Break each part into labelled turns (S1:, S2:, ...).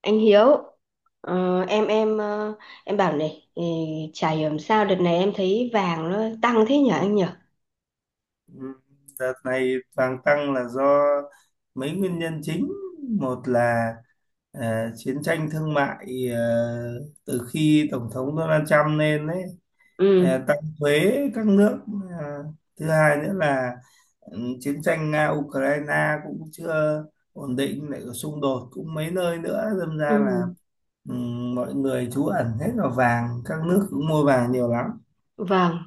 S1: Anh Hiếu em em bảo này chả hiểu làm sao đợt này em thấy vàng nó tăng thế nhỉ anh nhỉ.
S2: Ừ, đợt này vàng tăng là do mấy nguyên nhân chính. Một là chiến tranh thương mại từ khi Tổng thống Donald Trump lên đấy,
S1: Ừ.
S2: tăng thuế các nước. Ờ, Thứ hai nữa là chiến tranh Nga-Ukraine cũng chưa ổn định, lại có xung đột cũng mấy nơi nữa. Đâm
S1: Ừ.
S2: ra là ừ, mọi người trú ẩn hết vào vàng, các nước cũng mua vàng nhiều lắm.
S1: Vâng.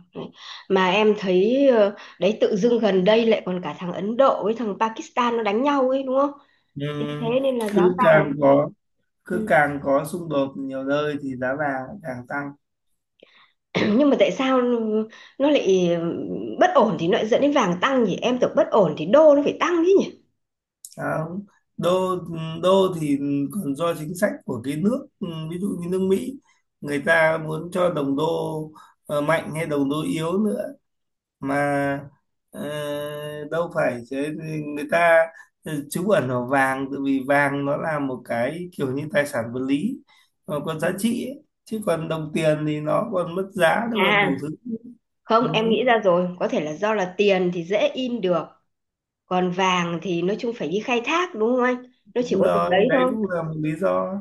S1: Mà em thấy đấy tự dưng gần đây lại còn cả thằng Ấn Độ với thằng Pakistan nó đánh nhau ấy đúng không?
S2: Ừ,
S1: Chính thế nên là giá
S2: cứ
S1: vàng.
S2: càng có cứ
S1: Ừ.
S2: càng có xung đột nhiều nơi thì giá vàng lại càng tăng.
S1: Nhưng mà tại sao nó lại bất ổn thì nó lại dẫn đến vàng tăng nhỉ? Em tưởng bất ổn thì đô nó phải tăng chứ nhỉ.
S2: Đó. Đô đô thì còn do chính sách của cái nước, ví dụ như nước Mỹ người ta muốn cho đồng đô mạnh hay đồng đô yếu nữa mà, ờ, đâu phải thế. Người ta trú ẩn vào vàng tại vì vàng nó là một cái kiểu như tài sản vật lý, nó có giá trị ấy. Chứ còn đồng tiền thì nó còn mất giá, nó còn đủ
S1: À
S2: thứ. Ừ.
S1: không, em nghĩ ra rồi, có thể là do là tiền thì dễ in được. Còn vàng thì nói chung phải đi khai thác đúng không anh? Nó chỉ
S2: Đúng
S1: có từng
S2: rồi,
S1: đấy
S2: đấy
S1: thôi.
S2: cũng là một lý do.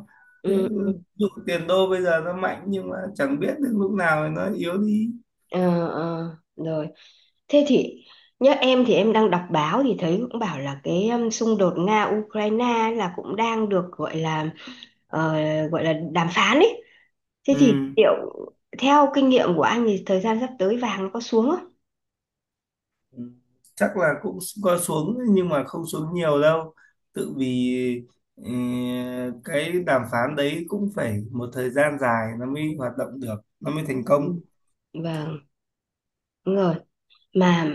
S2: Thế,
S1: Ừ,
S2: ví
S1: ừ.
S2: dụ tiền đô bây giờ nó mạnh nhưng mà chẳng biết đến lúc nào nó yếu đi.
S1: Ờ, ờ, rồi. Thế thì nhớ em thì em đang đọc báo thì thấy cũng bảo là cái xung đột Nga Ukraine là cũng đang được gọi là ờ, gọi là đàm phán ấy. Thế
S2: Ừ.
S1: thì liệu theo kinh nghiệm của anh thì thời gian sắp tới vàng nó có xuống không?
S2: Ừ. Chắc là cũng có xuống nhưng mà không xuống nhiều đâu. Tự vì ừ, cái đàm phán đấy cũng phải một thời gian dài nó mới hoạt động được, nó mới thành công.
S1: Ừ, vâng, đúng rồi mà.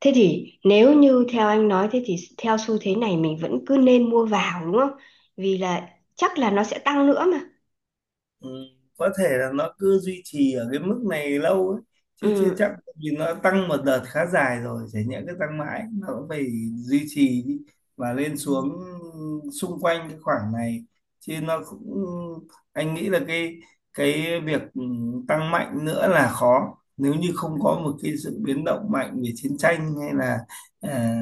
S1: Thế thì nếu như theo anh nói thế thì theo xu thế này mình vẫn cứ nên mua vào đúng không? Vì là chắc là nó sẽ tăng nữa mà.
S2: Ừ, có thể là nó cứ duy trì ở cái mức này lâu ấy. Chứ chưa
S1: Ừ.
S2: chắc, tại vì nó tăng một đợt khá dài rồi, chả nhẽ cứ tăng mãi, nó cũng phải duy trì đi và lên
S1: Ừ.
S2: xuống xung quanh cái khoảng này chứ. Nó cũng, anh nghĩ là cái việc tăng mạnh nữa là khó, nếu như không có một cái sự biến động mạnh về chiến tranh, hay là à,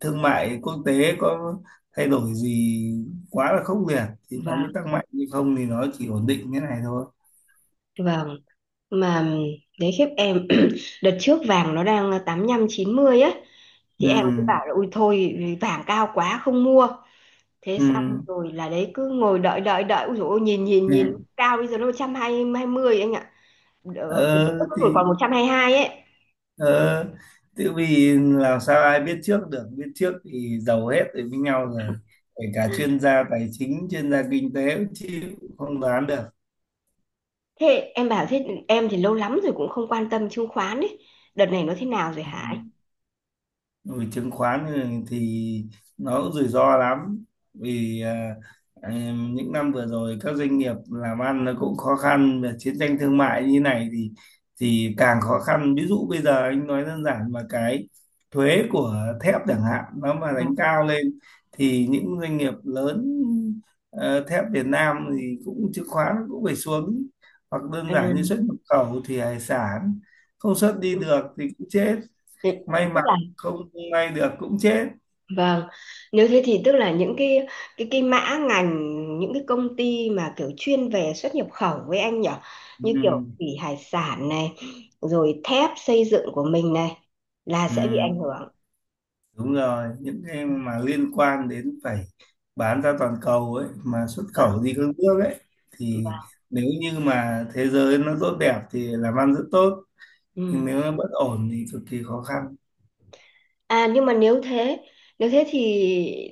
S2: thương mại quốc tế có thay đổi gì quá là khốc liệt thì nó mới
S1: Vâng,
S2: tăng mạnh, nhưng không thì nó chỉ ổn định thế này thôi.
S1: vâng. Mà đấy khiếp em đợt trước vàng nó đang 85 90 á. Thì em cứ
S2: Ừ.
S1: bảo là ui thôi vàng cao quá không mua. Thế
S2: Ừ.
S1: xong rồi là đấy cứ ngồi đợi đợi đợi ui dồi ôi nhìn nhìn nhìn
S2: Ừ.
S1: cao bây giờ nó 120 anh ạ. Tuần trước
S2: ờ
S1: nó
S2: thì
S1: còn 122 ấy.
S2: ờ tự vì làm sao ai biết trước được, biết trước thì giàu hết rồi với nhau rồi, kể cả chuyên gia tài chính, chuyên gia kinh tế cũng chịu, không đoán được.
S1: Thế em bảo thế em thì lâu lắm rồi cũng không quan tâm chứng khoán ấy. Đợt này nó thế nào rồi
S2: Ừ.
S1: hả anh?
S2: Ừ, chứng khoán thì nó cũng rủi ro lắm, vì những năm vừa rồi các doanh nghiệp làm ăn nó cũng khó khăn, và chiến tranh thương mại như này thì càng khó khăn. Ví dụ bây giờ anh nói đơn giản, mà cái thuế của thép chẳng hạn nó mà đánh
S1: Vâng.
S2: cao lên thì những doanh nghiệp lớn, thép Việt Nam thì cũng, chứng khoán cũng phải xuống, hoặc đơn
S1: Ừ,
S2: giản như xuất nhập khẩu thì hải sản không xuất đi
S1: ừ,
S2: được thì cũng chết,
S1: tức
S2: may mà
S1: là
S2: không may được cũng chết.
S1: vâng nếu thế thì tức là những cái cái mã ngành, những cái công ty mà kiểu chuyên về xuất nhập khẩu với anh nhở, như kiểu
S2: Ừ,
S1: thủy hải sản này rồi thép xây dựng của mình này là
S2: ừ,
S1: sẽ bị ảnh hưởng.
S2: đúng rồi, những cái mà liên quan đến phải bán ra toàn cầu ấy, mà xuất
S1: Vâng,
S2: khẩu đi các nước ấy thì,
S1: vâng,
S2: nếu như mà thế giới nó tốt đẹp thì làm ăn rất tốt, nhưng
S1: ừ.
S2: nếu nó bất ổn thì cực kỳ khó khăn.
S1: À nhưng mà nếu thế thì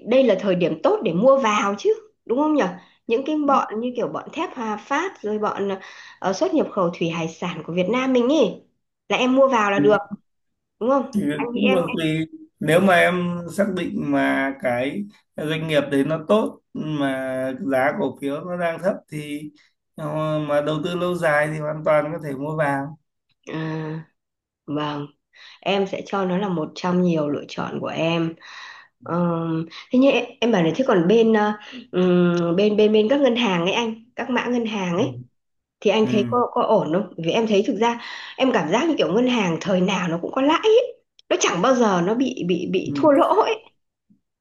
S1: đây là thời điểm tốt để mua vào chứ, đúng không nhở? Những cái bọn như kiểu bọn thép Hòa Phát rồi bọn xuất nhập khẩu thủy hải sản của Việt Nam mình ý là em mua vào là
S2: Ừ,
S1: được, đúng
S2: thì
S1: không? Anh chị
S2: cũng
S1: em
S2: còn tùy, nếu mà em xác định mà cái doanh nghiệp đấy nó tốt mà giá cổ phiếu nó đang thấp thì, mà đầu tư lâu dài thì hoàn toàn có thể mua vào.
S1: à, vâng, em sẽ cho nó là một trong nhiều lựa chọn của em. Thế nhưng em bảo này, thế còn bên bên các ngân hàng ấy anh, các mã ngân hàng ấy thì anh thấy
S2: Ừ,
S1: có ổn không? Vì em thấy thực ra em cảm giác như kiểu ngân hàng thời nào nó cũng có lãi ấy. Nó chẳng bao giờ nó bị bị thua
S2: ừ.
S1: lỗ ấy.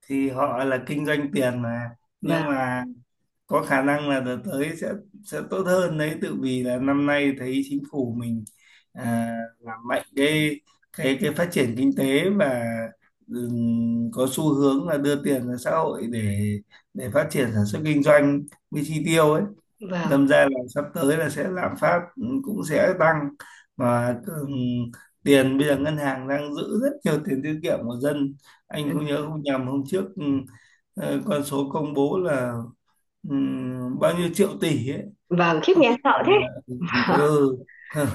S2: Thì họ là kinh doanh tiền mà, nhưng
S1: Vâng,
S2: mà có khả năng là đợt tới sẽ tốt hơn đấy, tự vì là năm nay thấy chính phủ mình à, làm mạnh cái cái phát triển kinh tế, và có xu hướng là đưa tiền ra xã hội để phát triển sản xuất kinh doanh với chi tiêu ấy.
S1: vâng.
S2: Đâm ra là sắp tới là sẽ lạm phát, cũng sẽ tăng. Và tiền bây giờ ngân hàng đang giữ rất nhiều tiền tiết kiệm của dân. Anh
S1: Ừ,
S2: không nhớ không nhầm hôm trước, con số công bố là ừ, bao nhiêu triệu tỷ ấy,
S1: vâng, khiếp
S2: mà bây
S1: nghe
S2: giờ
S1: sợ thế.
S2: là,
S1: Vâng.
S2: ừ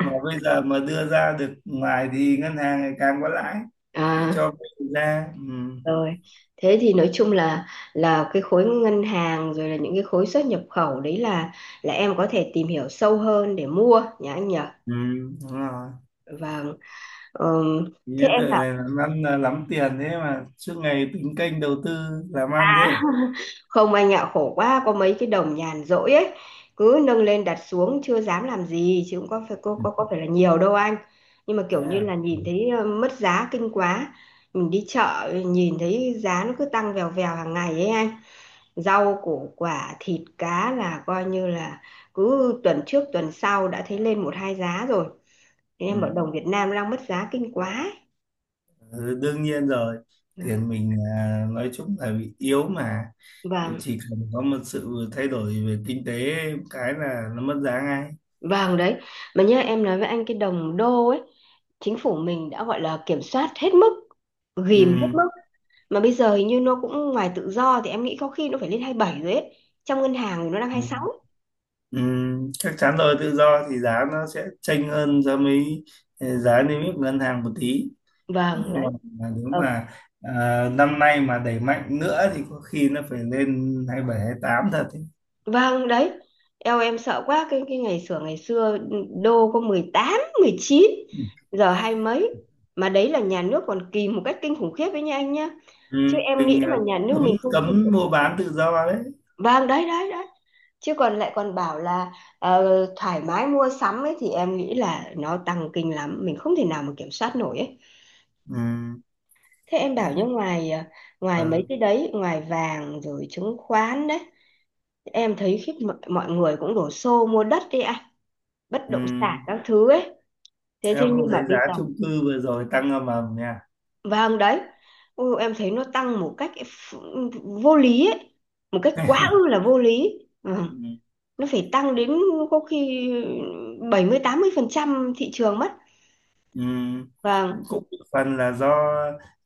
S2: mà bây giờ mà đưa ra được ngoài thì ngân hàng ngày càng có lãi, thì
S1: À,
S2: cho vay ra. Ừ.
S1: rồi. Thế thì nói chung là cái khối ngân hàng rồi là những cái khối xuất nhập khẩu đấy, là em có thể tìm hiểu sâu hơn để mua nhá anh nhỉ?
S2: Ừ, đúng rồi.
S1: Vâng. Thế
S2: Nghĩa tự
S1: em bảo
S2: làm ăn là lắm tiền thế mà suốt ngày tính kênh đầu tư làm ăn thế.
S1: không anh ạ, khổ quá, có mấy cái đồng nhàn rỗi ấy, cứ nâng lên đặt xuống chưa dám làm gì chứ cũng có phải có phải là nhiều đâu anh. Nhưng mà kiểu như
S2: Yeah.
S1: là nhìn thấy mất giá kinh quá. Mình đi chợ nhìn thấy giá nó cứ tăng vèo vèo hàng ngày ấy anh. Rau củ quả, thịt cá là coi như là cứ tuần trước tuần sau đã thấy lên một hai giá rồi. Thế em bảo
S2: Ừ.
S1: đồng Việt Nam đang mất giá kinh quá ấy.
S2: Ừ, đương nhiên rồi. Tiền mình nói chung là bị yếu mà.
S1: Vâng,
S2: Chỉ cần có một sự thay đổi về kinh tế, cái là nó mất giá ngay.
S1: vâng đấy. Mà nhớ em nói với anh cái đồng đô ấy, chính phủ mình đã gọi là kiểm soát hết mức, ghìm hết
S2: Ừ.
S1: mức mà bây giờ hình như nó cũng ngoài tự do thì em nghĩ có khi nó phải lên 27 rồi ấy, trong ngân hàng thì nó đang hai
S2: Ừ.
S1: mươi sáu.
S2: Ừ. Chắc chắn rồi, tự do thì giá nó sẽ chênh hơn so với, giá niêm yết của ngân hàng một tí.
S1: Vâng
S2: Nhưng mà
S1: đấy.
S2: nếu
S1: ờ,
S2: mà, năm nay mà đẩy mạnh nữa thì có khi nó phải lên 27-28 thật ấy.
S1: vâng đấy. Eo em sợ quá cái ngày xưa đô có 18, 19, giờ hai mấy, mà đấy là nhà nước còn kìm một cách kinh khủng khiếp đấy nha anh nhá.
S2: Ừ,
S1: Chứ em nghĩ
S2: mình
S1: mà nhà nước
S2: cấm
S1: mình không không,
S2: cấm mua bán tự do đấy.
S1: Vâng đấy đấy đấy. Chứ còn lại còn bảo là ờ, thoải mái mua sắm ấy thì em nghĩ là nó tăng kinh lắm, mình không thể nào mà kiểm soát nổi ấy.
S2: Ừ.
S1: Thế em bảo như
S2: Đấy.
S1: ngoài ngoài mấy
S2: Ừ.
S1: cái đấy, ngoài vàng rồi chứng khoán đấy, em thấy khiếp mọi người cũng đổ xô mua đất đi ạ, bất
S2: Ừ.
S1: động sản các thứ ấy. Thế thế
S2: Em không
S1: nhưng mà
S2: thấy
S1: bây
S2: giá
S1: giờ
S2: chung cư vừa rồi tăng ầm ầm nha.
S1: vâng đấy. Ôi, em thấy nó tăng một cách vô lý ấy, một cách quá ư là vô lý. Vâng,
S2: Ừ.
S1: nó phải tăng đến có khi 70 80% thị trường mất.
S2: Ừ.
S1: Vâng,
S2: Cũng một phần là do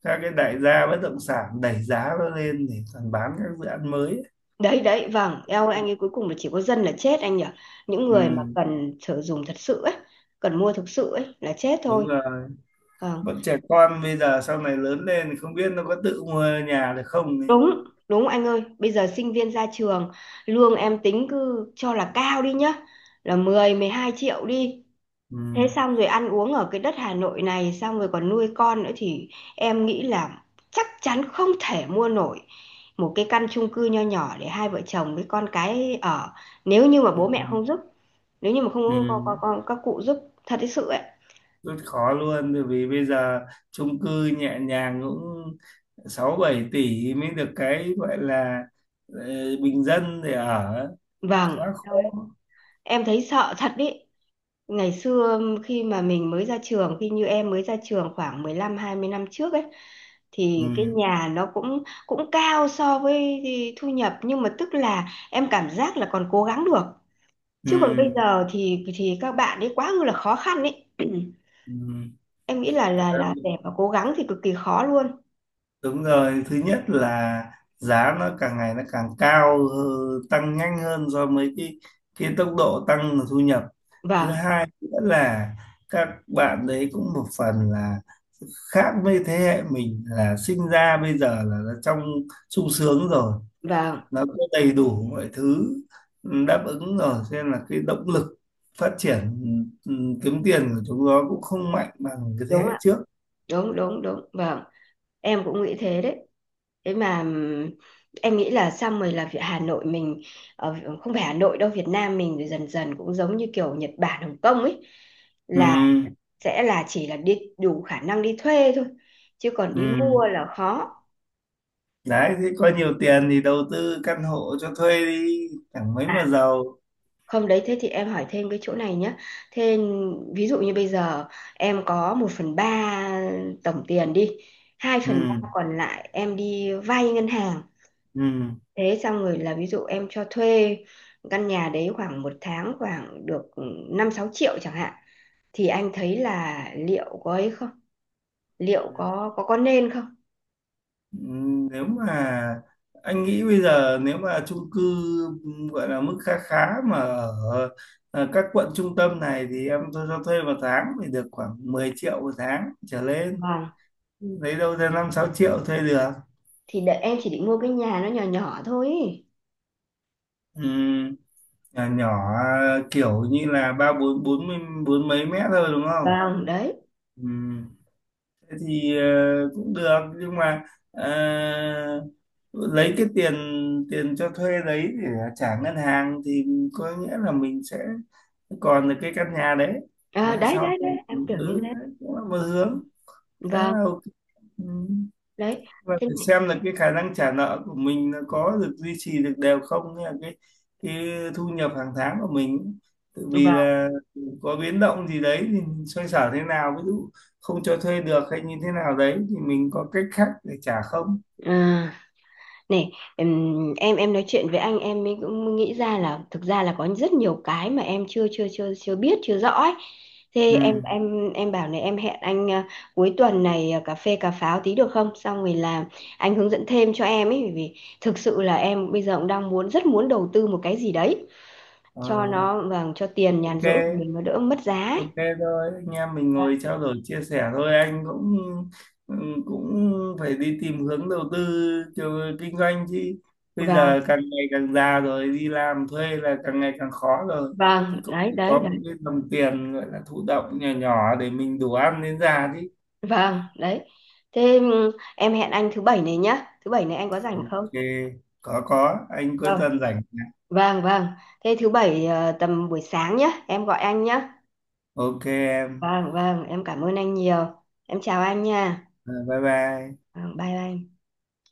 S2: các cái đại gia bất động sản đẩy giá nó lên để còn bán các dự án mới ấy.
S1: đấy đấy, vâng, eo ơi, anh ấy cuối cùng là chỉ có dân là chết anh nhỉ. Những
S2: Ừ.
S1: người mà cần sử dụng thật sự ấy, cần mua thực sự ấy là chết
S2: Đúng
S1: thôi.
S2: rồi,
S1: Vâng,
S2: bọn trẻ con bây giờ sau này lớn lên thì không biết nó có tự mua nhà được không ấy.
S1: đúng, đúng anh ơi, bây giờ sinh viên ra trường, lương em tính cứ cho là cao đi nhá, là 10 12 triệu đi.
S2: Ừ.
S1: Thế xong rồi ăn uống ở cái đất Hà Nội này, xong rồi còn nuôi con nữa thì em nghĩ là chắc chắn không thể mua nổi một cái căn chung cư nho nhỏ để hai vợ chồng với con cái ở nếu như mà
S2: Ừ.
S1: bố mẹ không giúp. Nếu như mà
S2: Ừ.
S1: không có các cụ giúp, thật đấy sự ấy.
S2: Rất khó luôn, bởi vì bây giờ chung cư nhẹ nhàng cũng 6-7 tỷ mới được cái gọi là, ờ, bình dân để ở,
S1: Vâng.
S2: quá khó.
S1: Thôi, em thấy sợ thật đấy. Ngày xưa khi mà mình mới ra trường, khi như em mới ra trường khoảng 15 20 năm trước ấy,
S2: Ừ.
S1: thì cái nhà nó cũng cũng cao so với thu nhập nhưng mà tức là em cảm giác là còn cố gắng được.
S2: Ừ.
S1: Chứ còn bây giờ thì các bạn ấy quá là khó khăn ấy. Em nghĩ là
S2: Ừ.
S1: để mà cố gắng thì cực kỳ khó luôn.
S2: Đúng rồi, thứ nhất là giá nó càng ngày nó càng cao, tăng nhanh hơn do mấy cái tốc độ tăng thu nhập. Thứ
S1: Vâng,
S2: hai nữa là các bạn đấy cũng một phần là khác với thế hệ mình, là sinh ra bây giờ là nó trong sung sướng rồi,
S1: vâng,
S2: nó có đầy đủ mọi thứ đáp ứng rồi, cho nên là cái động lực phát triển, ừ, ừ, kiếm tiền của chúng nó cũng không mạnh bằng cái thế
S1: đúng
S2: hệ
S1: ạ,
S2: trước.
S1: đúng đúng đúng, vâng, em cũng nghĩ thế đấy. Thế mà em nghĩ là xong rồi là Hà Nội mình ờ, không phải Hà Nội đâu, Việt Nam mình rồi dần dần cũng giống như kiểu Nhật Bản Hồng Kông ấy, là
S2: Ừ,
S1: sẽ là chỉ là đi đủ khả năng đi thuê thôi chứ còn
S2: ừ.
S1: đi mua là khó.
S2: Đấy thế có nhiều tiền thì đầu tư căn hộ cho thuê đi, chẳng mấy
S1: À
S2: mà giàu.
S1: không, đấy thế thì em hỏi thêm cái chỗ này nhé. Thế ví dụ như bây giờ em có 1/3 tổng tiền đi, hai
S2: Ừ,
S1: phần ba còn lại em đi vay ngân hàng.
S2: ừ,
S1: Thế xong rồi là ví dụ em cho thuê căn nhà đấy khoảng một tháng khoảng được 5 6 triệu chẳng hạn, thì anh thấy là liệu có ấy không? Liệu
S2: ừ.
S1: có nên không?
S2: Ừ, nếu mà anh nghĩ bây giờ nếu mà chung cư gọi là mức khá khá mà ở ở các quận trung tâm này thì em tôi cho thuê một tháng thì được khoảng 10 triệu một tháng trở lên,
S1: Vâng,
S2: lấy đâu ra 5-6 triệu thuê được.
S1: thì đợi em chỉ định mua cái nhà nó nhỏ nhỏ thôi. Ý.
S2: Ừ, nhà nhỏ kiểu như là ba bốn bốn mươi- bốn mấy mét thôi đúng không.
S1: Vâng, đấy.
S2: Ừ. Thì cũng được, nhưng mà ờ, lấy cái tiền, cho thuê đấy để trả ngân hàng thì có nghĩa là mình sẽ còn được cái căn nhà đấy.
S1: À,
S2: Mà
S1: đấy
S2: sau
S1: đấy
S2: này,
S1: đấy, em tưởng như thế.
S2: đấy cũng là một hướng khá
S1: Vâng,
S2: là ok. ừ
S1: đấy.
S2: và
S1: Thế
S2: phải
S1: này.
S2: xem là cái khả năng trả nợ của mình nó có được duy trì được đều không, hay là cái thu nhập hàng tháng của mình, tự vì
S1: Vâng.
S2: là có biến động gì đấy thì mình xoay sở thế nào, ví dụ không cho thuê được hay như thế nào đấy thì mình có cách khác để trả không.
S1: Ờ, này, em nói chuyện với anh em mới cũng nghĩ ra là thực ra là có rất nhiều cái mà em chưa chưa chưa chưa biết chưa rõ ấy. Thế em
S2: Ừ.
S1: em em bảo này em hẹn anh à, cuối tuần này à, cà phê cà pháo tí được không? Xong rồi là anh hướng dẫn thêm cho em ấy, bởi vì thực sự là em bây giờ cũng đang muốn rất muốn đầu tư một cái gì đấy
S2: Ờ,
S1: cho nó, vâng, cho tiền nhàn
S2: ok.
S1: rỗi của mình nó đỡ mất giá ấy.
S2: Ok thôi, anh em mình
S1: Vâng,
S2: ngồi trao đổi chia sẻ thôi, anh cũng ừ, cũng phải đi tìm hướng đầu tư kiểu kinh doanh chứ. Bây
S1: vâng,
S2: giờ càng ngày càng già rồi, đi làm thuê là càng ngày càng khó rồi. Thì
S1: vâng,
S2: cũng
S1: đấy đấy
S2: có một
S1: đấy.
S2: cái đồng tiền gọi là thụ động nhỏ nhỏ để mình đủ ăn đến già chứ.
S1: Vâng, đấy. Thế em hẹn anh thứ bảy này nhá. Thứ bảy này anh có rảnh không?
S2: Ok, có, anh cuối tuần rảnh.
S1: Vâng, vâng. Thế thứ bảy tầm buổi sáng nhé, em gọi anh nhé.
S2: Ok em,
S1: Vâng, vâng, em cảm ơn anh nhiều. Em chào anh nha.
S2: Ờ, bye bye.
S1: Vâng, bye bye.